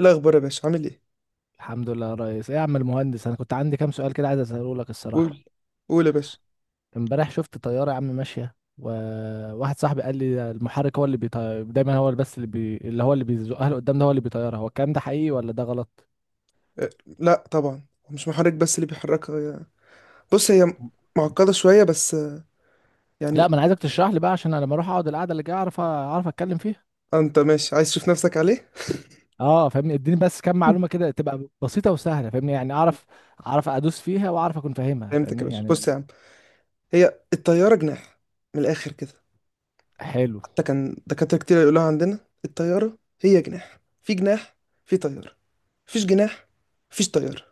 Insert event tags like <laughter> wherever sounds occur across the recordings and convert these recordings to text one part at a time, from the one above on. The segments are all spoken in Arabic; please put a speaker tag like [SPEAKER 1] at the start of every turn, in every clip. [SPEAKER 1] إيه الأخبار يا باشا، عامل إيه؟
[SPEAKER 2] الحمد لله يا ريس. ايه يا عم المهندس، انا كنت عندي كام سؤال كده عايز اساله لك الصراحه.
[SPEAKER 1] قول، قول يا باشا.
[SPEAKER 2] امبارح شفت طياره يا عم ماشيه، وواحد صاحبي قال لي ده المحرك هو اللي بيطير دايما، هو اللي بس اللي بي... اللي هو اللي بيزقها لقدام، ده هو اللي بيطيرها، هو الكلام ده حقيقي ولا ده غلط؟
[SPEAKER 1] أه، لا طبعا، مش محرك بس اللي بيحركها بص، هي معقدة شوية بس
[SPEAKER 2] لا،
[SPEAKER 1] يعني.
[SPEAKER 2] ما انا عايزك تشرح لي بقى، عشان انا لما اروح اقعد القعده اللي جايه اعرف اتكلم فيها.
[SPEAKER 1] أنت ماشي عايز تشوف نفسك عليه؟
[SPEAKER 2] اه فاهمني، اديني بس كام معلومه كده تبقى بسيطه وسهله، فاهمني يعني، اعرف ادوس فيها واعرف اكون فاهمها،
[SPEAKER 1] فهمتك يا
[SPEAKER 2] فاهمني
[SPEAKER 1] باشا،
[SPEAKER 2] يعني.
[SPEAKER 1] بص يا عم، هي الطيارة جناح، من الآخر كده.
[SPEAKER 2] حلو.
[SPEAKER 1] حتى كان دكاترة كتير يقولوها عندنا، الطيارة هي جناح في جناح، في طيارة مفيش جناح، مفيش طيارة.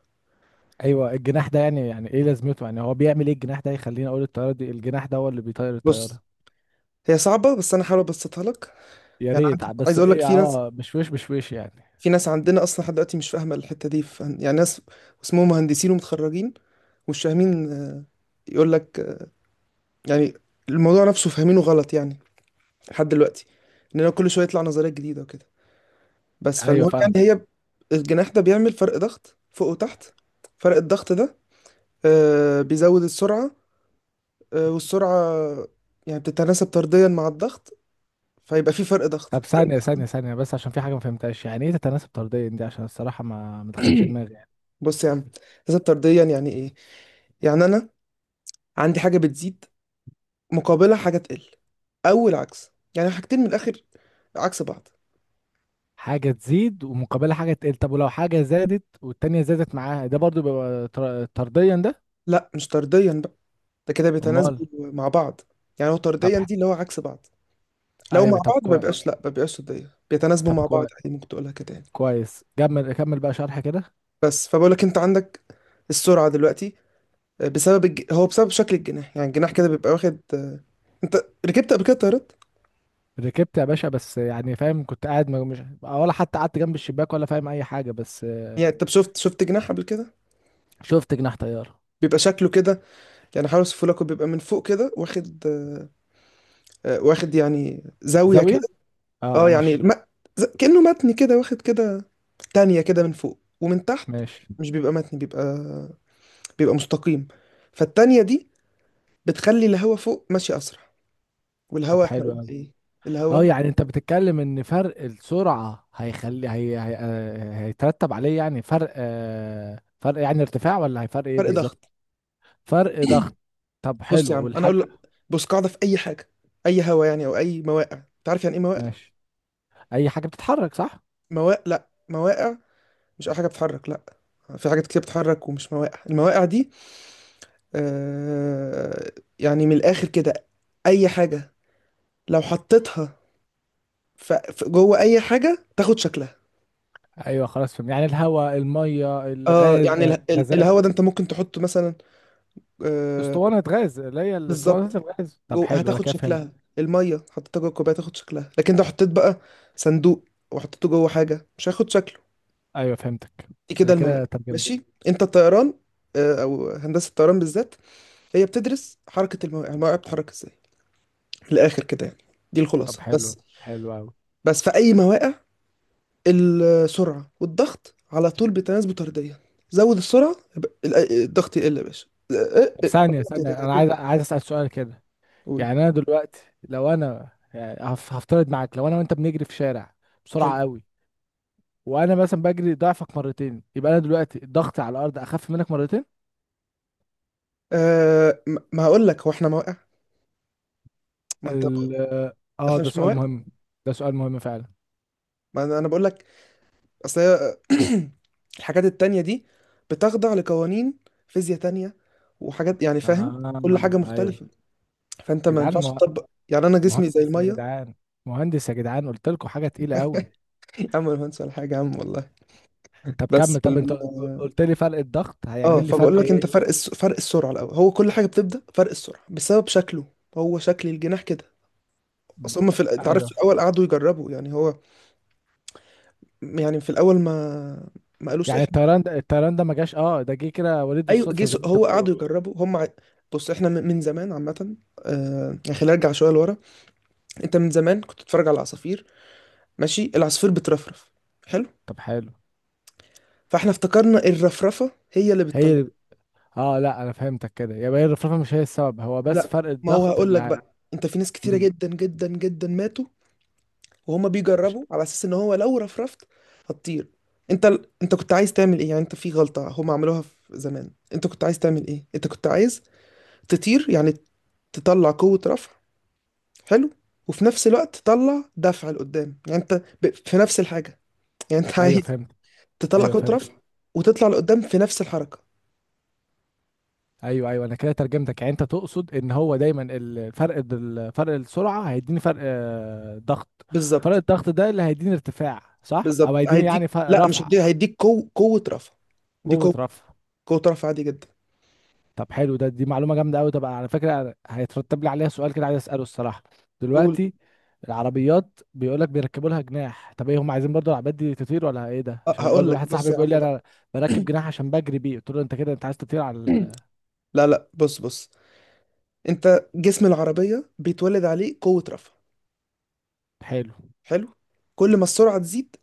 [SPEAKER 2] ايوه، الجناح ده يعني ايه لازمته، يعني هو بيعمل ايه الجناح ده يخليني اقول الطياره دي الجناح ده هو اللي بيطير الطياره؟
[SPEAKER 1] بص، هي صعبة بس أنا هحاول أبسطها لك.
[SPEAKER 2] يا
[SPEAKER 1] يعني
[SPEAKER 2] ريت،
[SPEAKER 1] عندي،
[SPEAKER 2] بس
[SPEAKER 1] عايز أقول لك،
[SPEAKER 2] ايه،
[SPEAKER 1] في ناس،
[SPEAKER 2] مش وش يعني.
[SPEAKER 1] في ناس عندنا اصلا لحد دلوقتي مش فاهمه الحته دي يعني ناس اسمهم مهندسين ومتخرجين ومش فاهمين. يقول لك يعني الموضوع نفسه فاهمينه غلط يعني، لحد دلوقتي، اننا كل شويه يطلع نظريات جديده وكده. بس
[SPEAKER 2] ايوه
[SPEAKER 1] فالمهم
[SPEAKER 2] فاهم.
[SPEAKER 1] يعني، هي الجناح ده بيعمل فرق ضغط فوق وتحت. فرق الضغط ده بيزود السرعه، والسرعه يعني بتتناسب طرديا مع الضغط، فيبقى في فرق ضغط،
[SPEAKER 2] طب،
[SPEAKER 1] فرق.
[SPEAKER 2] ثانيه بس، عشان في حاجه ما فهمتهاش، يعني ايه تتناسب طرديا دي؟ عشان الصراحه ما دخلتش دماغي يعني.
[SPEAKER 1] بص يا عم، تناسب طرديا يعني ايه؟ يعني انا عندي حاجه بتزيد مقابلها حاجة تقل، أو العكس، يعني حاجتين من الآخر عكس بعض.
[SPEAKER 2] حاجه تزيد ومقابلها حاجه تقل، طب ولو حاجه زادت والتانيه زادت معاها ده برضو بيبقى طرديا ده؟
[SPEAKER 1] لا، مش طرديا بقى، ده كده
[SPEAKER 2] امال.
[SPEAKER 1] بيتناسبوا مع بعض. يعني هو
[SPEAKER 2] طب
[SPEAKER 1] طرديا دي اللي هو عكس بعض، لو مع
[SPEAKER 2] ايوه، طب
[SPEAKER 1] بعض ما
[SPEAKER 2] كويس.
[SPEAKER 1] بيبقاش، لا ما بيبقاش طرديا، بيتناسبوا
[SPEAKER 2] طب
[SPEAKER 1] مع بعض
[SPEAKER 2] كويس.
[SPEAKER 1] عادي، ممكن تقولها كده يعني.
[SPEAKER 2] كويس، كمل كمل بقى شرح كده.
[SPEAKER 1] بس فبقول لك، أنت عندك السرعة دلوقتي بسبب هو بسبب شكل الجناح، يعني الجناح كده بيبقى واخد أنت ركبت قبل كده طيارات؟
[SPEAKER 2] ركبت يا باشا، بس يعني فاهم، كنت قاعد مش ولا حتى قعدت جنب الشباك ولا فاهم اي حاجه بس
[SPEAKER 1] يعني أنت شفت جناح قبل كده؟
[SPEAKER 2] شفت جناح طياره.
[SPEAKER 1] بيبقى شكله كده، يعني حاول أوصفه لك، بيبقى من فوق كده واخد واخد يعني زاوية.
[SPEAKER 2] زاويه. اه
[SPEAKER 1] اه يعني
[SPEAKER 2] ماشي.
[SPEAKER 1] الم... كأنه متن كده واخد كده، تانية كده من فوق ومن تحت.
[SPEAKER 2] ماشي.
[SPEAKER 1] مش بيبقى متن، بيبقى مستقيم. فالتانية دي بتخلي الهواء فوق ماشي أسرع.
[SPEAKER 2] طب
[SPEAKER 1] والهواء احنا
[SPEAKER 2] حلو
[SPEAKER 1] قلنا
[SPEAKER 2] قوي.
[SPEAKER 1] ايه؟
[SPEAKER 2] اه
[SPEAKER 1] الهواء
[SPEAKER 2] يعني انت بتتكلم ان فرق السرعه هيخلي هي... هي... آه، هيترتب عليه يعني فرق، فرق يعني ارتفاع، ولا هيفرق ايه
[SPEAKER 1] فرق
[SPEAKER 2] بالظبط؟
[SPEAKER 1] ضغط.
[SPEAKER 2] فرق ضغط. طب
[SPEAKER 1] بص يا
[SPEAKER 2] حلو،
[SPEAKER 1] عم، انا
[SPEAKER 2] والحاجه.
[SPEAKER 1] اقول لك، بص، قاعدة في اي حاجة، اي هواء يعني، او اي مواقع، انت عارف يعني ايه مواقع؟
[SPEAKER 2] ماشي. اي حاجه بتتحرك، صح؟
[SPEAKER 1] مواقع، لا مواقع مش اي حاجة بتتحرك، لا، في حاجات كتير بتتحرك ومش مواقع. المواقع دي آه يعني من الاخر كده، اي حاجة لو حطيتها فجوه، اي حاجه تاخد شكلها.
[SPEAKER 2] ايوه خلاص فهم، يعني الهواء، الميه، الغاز،
[SPEAKER 1] الهوا
[SPEAKER 2] غازات.
[SPEAKER 1] ده انت ممكن تحطه مثلا آه
[SPEAKER 2] اسطوانة غاز اللي هي الاسطوانة
[SPEAKER 1] بالظبط.
[SPEAKER 2] الغاز، طب
[SPEAKER 1] جوه
[SPEAKER 2] حلو، انا
[SPEAKER 1] هتاخد
[SPEAKER 2] كده فهمت.
[SPEAKER 1] شكلها. الميه حطيتها جوه الكوبايه تاخد شكلها، لكن لو حطيت بقى صندوق وحطيته جوه حاجه، مش هياخد شكله.
[SPEAKER 2] ايوه فهمتك،
[SPEAKER 1] دي
[SPEAKER 2] انا
[SPEAKER 1] كده
[SPEAKER 2] كده
[SPEAKER 1] المواد.
[SPEAKER 2] ترجمت.
[SPEAKER 1] ماشي، انت الطيران او هندسه الطيران بالذات، هي بتدرس حركه الموائع. الموائع بتتحرك ازاي، من الاخر كده يعني، دي
[SPEAKER 2] طب
[SPEAKER 1] الخلاصه
[SPEAKER 2] حلو،
[SPEAKER 1] بس.
[SPEAKER 2] حلو قوي.
[SPEAKER 1] بس في اي مواقع، السرعة والضغط على طول بتناسبه طرديا. زود السرعة يبقى الضغط يقل يا باشا.
[SPEAKER 2] طب
[SPEAKER 1] اه،
[SPEAKER 2] ثانية
[SPEAKER 1] كده على
[SPEAKER 2] انا
[SPEAKER 1] طول.
[SPEAKER 2] عايز اسأل سؤال كده.
[SPEAKER 1] قول.
[SPEAKER 2] يعني انا دلوقتي لو انا يعني هفترض معاك، لو انا وانت بنجري في شارع بسرعة
[SPEAKER 1] حلو.
[SPEAKER 2] قوي، وانا مثلا بجري ضعفك مرتين، يبقى انا دلوقتي ضغطي على الارض اخف منك مرتين.
[SPEAKER 1] ما هقول لك، هو احنا مواقع، ما انت
[SPEAKER 2] ال اه
[SPEAKER 1] احنا
[SPEAKER 2] ده
[SPEAKER 1] مش
[SPEAKER 2] سؤال
[SPEAKER 1] مواقع.
[SPEAKER 2] مهم. ده سؤال مهم فعلا.
[SPEAKER 1] ما انا أنا بقول لك، اصل هي <clears throat> الحاجات التانية دي بتخضع لقوانين فيزياء تانية، وحاجات يعني، فاهم،
[SPEAKER 2] آه
[SPEAKER 1] كل حاجة
[SPEAKER 2] ايوه.
[SPEAKER 1] مختلفة. فانت
[SPEAKER 2] يا
[SPEAKER 1] ما
[SPEAKER 2] جدعان
[SPEAKER 1] ينفعش تطبق يعني، انا جسمي زي
[SPEAKER 2] مهندس يا
[SPEAKER 1] المية.
[SPEAKER 2] جدعان. مهندس يا جدعان، قلت لكم حاجة تقيلة قوي.
[SPEAKER 1] <laughs> يا عم، مهندس ولا حاجة يا عم والله.
[SPEAKER 2] طب
[SPEAKER 1] بس
[SPEAKER 2] كمل.
[SPEAKER 1] في
[SPEAKER 2] طب انت قلت لي فرق الضغط
[SPEAKER 1] اه
[SPEAKER 2] هيعمل لي فرق
[SPEAKER 1] فبقول لك انت
[SPEAKER 2] ايه؟
[SPEAKER 1] فرق السرعه الاول، هو كل حاجه بتبدا فرق السرعه بسبب شكله. هو شكل الجناح كده.
[SPEAKER 2] ب-
[SPEAKER 1] اصل هم في انت عارف، في
[SPEAKER 2] ايوه.
[SPEAKER 1] الاول قعدوا يجربوا يعني هو، يعني في الاول ما قالوش
[SPEAKER 2] يعني
[SPEAKER 1] احنا.
[SPEAKER 2] الطيران ده، ما جاش، اه، ده جه كده وليد
[SPEAKER 1] ايوه
[SPEAKER 2] الصدفه زي ما انت
[SPEAKER 1] هو قعدوا
[SPEAKER 2] بتقول.
[SPEAKER 1] يجربوا هم بص احنا من زمان عامه. يعني خلينا نرجع شويه لورا. انت من زمان كنت تتفرج على العصافير، ماشي، العصفور بترفرف، حلو.
[SPEAKER 2] طب حلو.
[SPEAKER 1] فاحنا افتكرنا الرفرفه هي اللي
[SPEAKER 2] هي
[SPEAKER 1] بتطير.
[SPEAKER 2] ال- اه لا، انا فهمتك كده، يبقى هي الرفرفه مش هي السبب، هو بس
[SPEAKER 1] لا
[SPEAKER 2] فرق
[SPEAKER 1] ما هو
[SPEAKER 2] الضغط
[SPEAKER 1] هقول
[SPEAKER 2] اللي
[SPEAKER 1] لك بقى، انت في ناس كتيره
[SPEAKER 2] مم.
[SPEAKER 1] جدا جدا جدا ماتوا وهما
[SPEAKER 2] مش-
[SPEAKER 1] بيجربوا على اساس ان هو لو رفرفت هتطير. انت انت كنت عايز تعمل ايه يعني؟ انت في غلطة هما عملوها في زمان. انت كنت عايز تعمل ايه؟ انت كنت عايز تطير يعني، تطلع قوة رفع، حلو، وفي نفس الوقت تطلع دفع لقدام. يعني انت في نفس الحاجة. يعني انت
[SPEAKER 2] ايوه
[SPEAKER 1] عايز
[SPEAKER 2] فهمت.
[SPEAKER 1] تطلع
[SPEAKER 2] ايوه
[SPEAKER 1] قوة
[SPEAKER 2] فهمت.
[SPEAKER 1] رفع وتطلع لقدام في نفس الحركة.
[SPEAKER 2] ايوه ايوه، انا كده ترجمتك، يعني انت تقصد ان هو دايما الفرق، فرق السرعه، هيديني فرق ضغط. فرق
[SPEAKER 1] بالظبط.
[SPEAKER 2] الضغط ده اللي هيديني ارتفاع، صح؟ او
[SPEAKER 1] بالظبط
[SPEAKER 2] هيديني يعني
[SPEAKER 1] هيديك،
[SPEAKER 2] فرق
[SPEAKER 1] لا مش
[SPEAKER 2] رفع.
[SPEAKER 1] هيديك، هيديك قوة رفع. دي
[SPEAKER 2] قوه
[SPEAKER 1] قوة،
[SPEAKER 2] رفع.
[SPEAKER 1] قوة رفع عادي جدا.
[SPEAKER 2] طب حلو ده، دي معلومة جامدة قوي. طب على فكرة، أنا هيترتب لي عليها سؤال كده عايز أسأله الصراحة.
[SPEAKER 1] قول.
[SPEAKER 2] دلوقتي العربيات بيقول لك بيركبوا لها جناح، طب ايه هم عايزين برضو العربيات دي تطير ولا ايه ده؟ عشان
[SPEAKER 1] هقول
[SPEAKER 2] برضو
[SPEAKER 1] لك،
[SPEAKER 2] واحد
[SPEAKER 1] بص
[SPEAKER 2] صاحبي
[SPEAKER 1] يا
[SPEAKER 2] بيقول
[SPEAKER 1] عم
[SPEAKER 2] لي
[SPEAKER 1] بقى.
[SPEAKER 2] انا بركب جناح عشان بجري بيه، قلت له انت كده انت عايز تطير على
[SPEAKER 1] <clears throat> لا لا، بص، بص، انت جسم العربية بيتولد عليه قوة رفع،
[SPEAKER 2] حلو.
[SPEAKER 1] حلو. كل ما السرعة تزيد،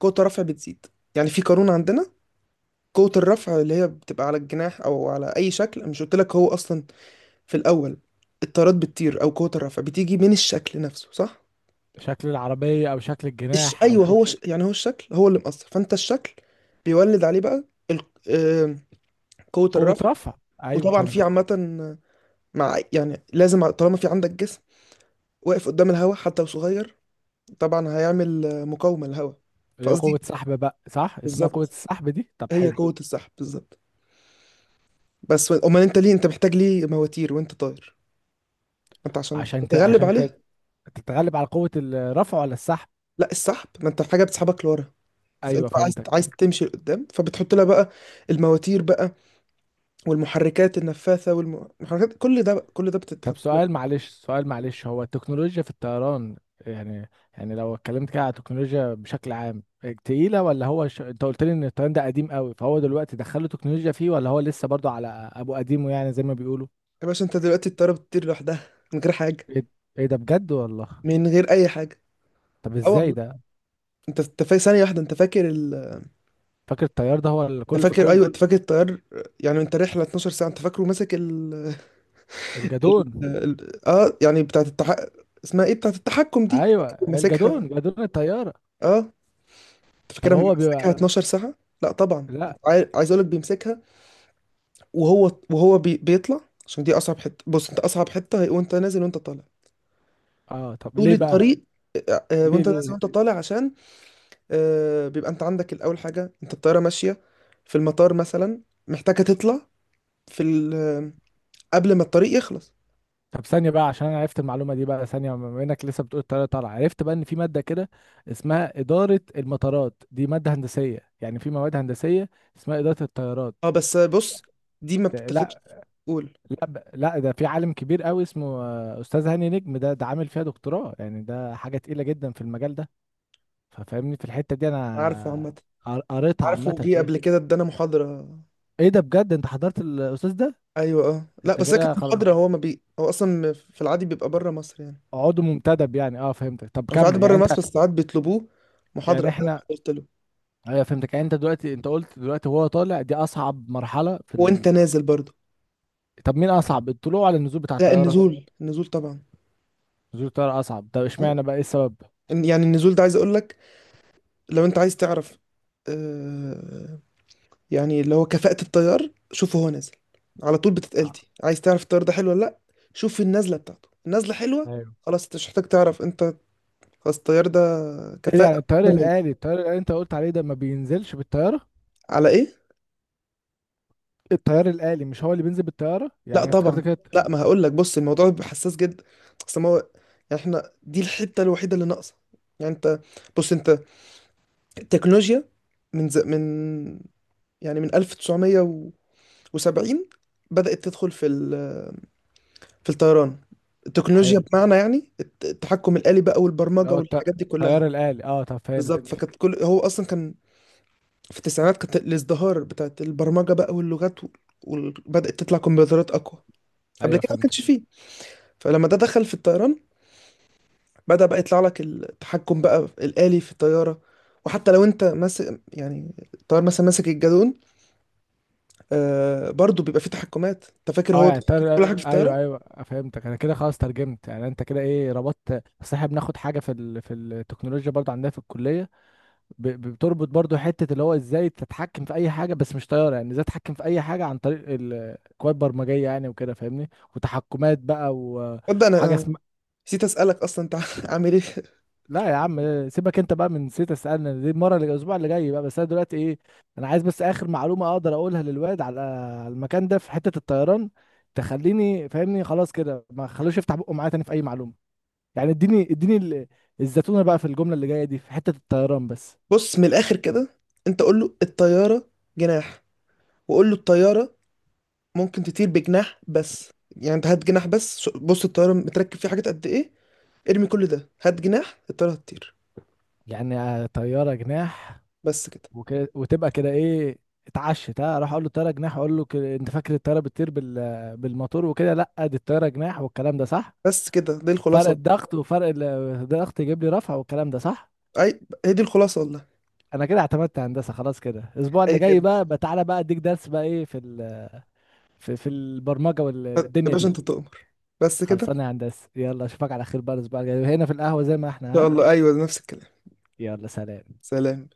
[SPEAKER 1] قوة الرفع بتزيد. يعني في قانون عندنا، قوة الرفع اللي هي بتبقى على الجناح او على اي شكل. أنا مش قلت لك هو اصلا في الاول الطارات بتطير، او قوة الرفع بتيجي من الشكل نفسه، صح.
[SPEAKER 2] شكل العربية، او شكل الجناح، او
[SPEAKER 1] ايوه هو
[SPEAKER 2] شكل.
[SPEAKER 1] يعني هو الشكل هو اللي مأثر. فانت الشكل بيولد عليه بقى ال... آه... قوة
[SPEAKER 2] قوة
[SPEAKER 1] الرفع.
[SPEAKER 2] رفع. ايوه
[SPEAKER 1] وطبعا في
[SPEAKER 2] فهمتك.
[SPEAKER 1] عامة، مع يعني، لازم، طالما في عندك جسم واقف قدام الهواء حتى لو صغير، طبعا هيعمل مقاومة للهواء.
[SPEAKER 2] اللي هي
[SPEAKER 1] فقصدي
[SPEAKER 2] قوة سحب بقى، صح؟ اسمها قوة
[SPEAKER 1] بالظبط،
[SPEAKER 2] السحب دي. طب
[SPEAKER 1] هي
[SPEAKER 2] حلو.
[SPEAKER 1] قوة السحب بالظبط. بس امال انت ليه، انت محتاج ليه مواتير وانت طاير؟ ما انت عشان
[SPEAKER 2] عشان ت...
[SPEAKER 1] تتغلب
[SPEAKER 2] عشان ت...
[SPEAKER 1] عليه.
[SPEAKER 2] تتغلب على قوة الرفع ولا السحب؟
[SPEAKER 1] لا السحب، ما انت حاجة بتسحبك لورا. فانت
[SPEAKER 2] ايوه
[SPEAKER 1] عايز،
[SPEAKER 2] فهمتك.
[SPEAKER 1] عايز تمشي لقدام، فبتحط لها بقى المواتير بقى، والمحركات النفاثة والمحركات، كل ده بقى، كل ده
[SPEAKER 2] طب
[SPEAKER 1] بتتحط لها.
[SPEAKER 2] سؤال معلش، سؤال معلش، هو التكنولوجيا في الطيران يعني، يعني لو اتكلمت كده على التكنولوجيا بشكل عام تقيلة؟ ولا هو انت قلت لي ان الطيران ده قديم قوي، فهو دلوقتي دخلوا تكنولوجيا فيه ولا هو لسه برضو على ابو قديمه يعني زي ما بيقولوا؟
[SPEAKER 1] يا باشا، انت دلوقتي الطيارة بتطير لوحدها من غير حاجة،
[SPEAKER 2] ايه، إيه ده بجد والله؟
[SPEAKER 1] من غير اي حاجة.
[SPEAKER 2] طب
[SPEAKER 1] اه
[SPEAKER 2] ازاي
[SPEAKER 1] والله.
[SPEAKER 2] ده؟
[SPEAKER 1] انت ثانية واحدة، انت فاكر
[SPEAKER 2] فاكر الطيار ده هو
[SPEAKER 1] انت
[SPEAKER 2] الكل في
[SPEAKER 1] فاكر،
[SPEAKER 2] كل.
[SPEAKER 1] ايوه، انت فاكر الطيار، يعني انت رحلة 12 ساعة، انت فاكره ماسك
[SPEAKER 2] الجدون.
[SPEAKER 1] اه يعني بتاعت اسمها ايه بتاعت التحكم دي،
[SPEAKER 2] ايوه
[SPEAKER 1] ماسكها؟
[SPEAKER 2] الجدون، جدون الطيارة.
[SPEAKER 1] اه. أنت
[SPEAKER 2] طب
[SPEAKER 1] فاكرها
[SPEAKER 2] هو
[SPEAKER 1] ماسكها
[SPEAKER 2] بيبقى.
[SPEAKER 1] 12 ساعة؟ لا طبعا.
[SPEAKER 2] لا.
[SPEAKER 1] عايز اقول لك، بيمسكها وهو بيطلع، عشان دي اصعب حتة. بص، انت اصعب حتة هي وانت نازل وانت طالع،
[SPEAKER 2] اه طب
[SPEAKER 1] طول
[SPEAKER 2] ليه بقى؟
[SPEAKER 1] الطريق.
[SPEAKER 2] ليه
[SPEAKER 1] وانت نازل
[SPEAKER 2] ليه؟
[SPEAKER 1] وانت طالع، عشان بيبقى انت عندك الاول حاجة. انت الطيارة ماشية في المطار مثلا، محتاجة تطلع في ال... آه، قبل ما الطريق يخلص.
[SPEAKER 2] طب ثانية بقى، عشان أنا عرفت المعلومة دي بقى ثانية، بما إنك لسه بتقول الطيارة طالعة، عرفت بقى إن في مادة كده اسمها إدارة المطارات، دي مادة هندسية يعني، في مواد هندسية اسمها إدارة الطيارات؟
[SPEAKER 1] اه بس بص، دي ما بتتاخدش.
[SPEAKER 2] لا.
[SPEAKER 1] قول.
[SPEAKER 2] لا لا، ده في عالم كبير قوي اسمه، أستاذ هاني نجم، ده عامل فيها دكتوراه، يعني ده حاجة تقيلة جدا في المجال ده. ففاهمني في الحتة دي
[SPEAKER 1] عارفه
[SPEAKER 2] أنا،
[SPEAKER 1] عامة،
[SPEAKER 2] قريتها
[SPEAKER 1] عارفه،
[SPEAKER 2] عامة
[SPEAKER 1] جه
[SPEAKER 2] فيها.
[SPEAKER 1] قبل كده ادانا محاضرة.
[SPEAKER 2] إيه ده بجد، أنت حضرت الأستاذ ده؟
[SPEAKER 1] ايوه اه، لا
[SPEAKER 2] أنت
[SPEAKER 1] بس هي
[SPEAKER 2] كده
[SPEAKER 1] كانت
[SPEAKER 2] خلاص
[SPEAKER 1] محاضرة، هو ما بي هو اصلا في العادي بيبقى بره مصر يعني.
[SPEAKER 2] عضو منتدب يعني، أه فهمتك. طب
[SPEAKER 1] أنا في العادي
[SPEAKER 2] كمل، يعني
[SPEAKER 1] بره
[SPEAKER 2] أنت.
[SPEAKER 1] مصر، بس ساعات بيطلبوه محاضرة.
[SPEAKER 2] يعني إحنا.
[SPEAKER 1] قلت له.
[SPEAKER 2] ايوه فهمتك، يعني انت دلوقتي قلت دلوقتي هو طالع دي اصعب مرحله في
[SPEAKER 1] وانت نازل برضه.
[SPEAKER 2] طب مين اصعب، الطلوع ولا النزول بتاع
[SPEAKER 1] لا،
[SPEAKER 2] الطياره؟
[SPEAKER 1] النزول، النزول طبعا.
[SPEAKER 2] نزول الطياره اصعب، طب اشمعنى بقى، ايه السبب؟
[SPEAKER 1] يعني النزول ده، عايز اقول لك، لو انت عايز تعرف آه يعني اللي هو كفاءة الطيار، شوفه هو نازل، على طول بتتقال
[SPEAKER 2] آه.
[SPEAKER 1] دي، عايز تعرف الطيار ده حلو ولا لا، شوف النازلة بتاعته، النازلة حلوة
[SPEAKER 2] ايوه.
[SPEAKER 1] خلاص، انت مش محتاج تعرف انت، خلاص الطيار ده
[SPEAKER 2] ايه ده،
[SPEAKER 1] كفاءة.
[SPEAKER 2] يعني الطيار الآلي؟ الطيار الآلي انت قلت عليه ده ما بينزلش بالطيارة.
[SPEAKER 1] على ايه؟
[SPEAKER 2] الطيار الآلي مش هو اللي بينزل بالطيارة؟ يعني
[SPEAKER 1] لا
[SPEAKER 2] انا افتكرت
[SPEAKER 1] طبعا.
[SPEAKER 2] كده.
[SPEAKER 1] لا ما هقول لك، بص، الموضوع بيبقى حساس جدا. اصل ما هو، يعني احنا دي الحته الوحيده اللي ناقصه. يعني انت، بص، انت التكنولوجيا، من من يعني من 1970 بدأت تدخل في في الطيران. التكنولوجيا
[SPEAKER 2] حلو.
[SPEAKER 1] بمعنى يعني التحكم الآلي بقى،
[SPEAKER 2] اللي
[SPEAKER 1] والبرمجة
[SPEAKER 2] هو الط-
[SPEAKER 1] والحاجات دي كلها.
[SPEAKER 2] الطيار الآلي، اه طب
[SPEAKER 1] بالظبط،
[SPEAKER 2] فهمتك.
[SPEAKER 1] فكانت كل، هو اصلا كان في التسعينات كانت الازدهار بتاعت البرمجة بقى واللغات، وبدأت تطلع كمبيوترات اقوى. قبل
[SPEAKER 2] ايوه
[SPEAKER 1] كده ما
[SPEAKER 2] فهمتك.
[SPEAKER 1] كانش فيه. فلما ده دخل في الطيران، بدأ بقى يطلع لك التحكم بقى الآلي في الطيارة. وحتى لو انت ماسك، يعني الطيار مثلا ماسك الجالون، آه برضو بيبقى فيه تحكمات. انت فاكر
[SPEAKER 2] اه
[SPEAKER 1] هو
[SPEAKER 2] يعني
[SPEAKER 1] بيتحكم
[SPEAKER 2] الطيار
[SPEAKER 1] في كل
[SPEAKER 2] الآلي.
[SPEAKER 1] حاجة في
[SPEAKER 2] ايوه
[SPEAKER 1] الطيارة؟
[SPEAKER 2] ايوه فهمتك. انا كده خلاص ترجمت، يعني انت كده ايه ربطت، اصل احنا بناخد حاجة في في التكنولوجيا برضه عندنا في الكلية. بتربط برضو حتة اللي هو ازاي تتحكم في اي حاجة، بس مش طيارة، يعني ازاي تتحكم في اي حاجة عن طريق الكواد برمجية يعني وكده، فاهمني، وتحكمات بقى
[SPEAKER 1] تصدق
[SPEAKER 2] وحاجة
[SPEAKER 1] انا
[SPEAKER 2] اسمها.
[SPEAKER 1] نسيت اسألك اصلا، انت <laughs> عامل ايه؟
[SPEAKER 2] لا يا عم سيبك انت بقى من نسيت اسالنا دي، المرة اللي، الاسبوع اللي جاي بقى. بس انا دلوقتي ايه، انا عايز بس اخر معلومة اقدر اقولها للواد على على المكان ده في حتة الطيران تخليني فاهمني، خلاص كده ما خلوش يفتح بقه معايا تاني في اي معلومة، يعني اديني الزتونة بقى في الجملة اللي جاية دي في حتة الطيران بس.
[SPEAKER 1] بص، من الآخر كده، انت قول له الطيارة جناح، وقول له الطيارة ممكن تطير بجناح بس. يعني انت هات جناح بس، بص الطيارة متركب فيه حاجات قد ايه، ارمي كل ده، هات جناح، الطيارة هتطير.
[SPEAKER 2] يعني طيارة جناح
[SPEAKER 1] بس كده.
[SPEAKER 2] وكده، وتبقى كده ايه. اتعشت، ها راح اقول له الطياره جناح، اقول له انت فاكر الطياره بتطير بالموتور وكده، لا دي الطياره جناح والكلام ده صح.
[SPEAKER 1] بس كده دي
[SPEAKER 2] فرق
[SPEAKER 1] الخلاصة.
[SPEAKER 2] الضغط، وفرق الضغط يجيب لي رفع، والكلام ده صح.
[SPEAKER 1] اي، هي دي الخلاصة والله.
[SPEAKER 2] انا كده اعتمدت هندسه خلاص كده. الاسبوع
[SPEAKER 1] اي
[SPEAKER 2] اللي جاي
[SPEAKER 1] خدمة.
[SPEAKER 2] بقى بقى تعالى بقى اديك درس بقى ايه في في, البرمجه
[SPEAKER 1] يا
[SPEAKER 2] والدنيا
[SPEAKER 1] باشا
[SPEAKER 2] دي.
[SPEAKER 1] انت تؤمر. بس كده ان
[SPEAKER 2] خلصانه يا هندسه، يلا اشوفك على خير بقى الاسبوع الجاي هنا في القهوه زي ما احنا،
[SPEAKER 1] شاء
[SPEAKER 2] ها.
[SPEAKER 1] الله. ايوه نفس الكلام.
[SPEAKER 2] يلا سلام.
[SPEAKER 1] سلام.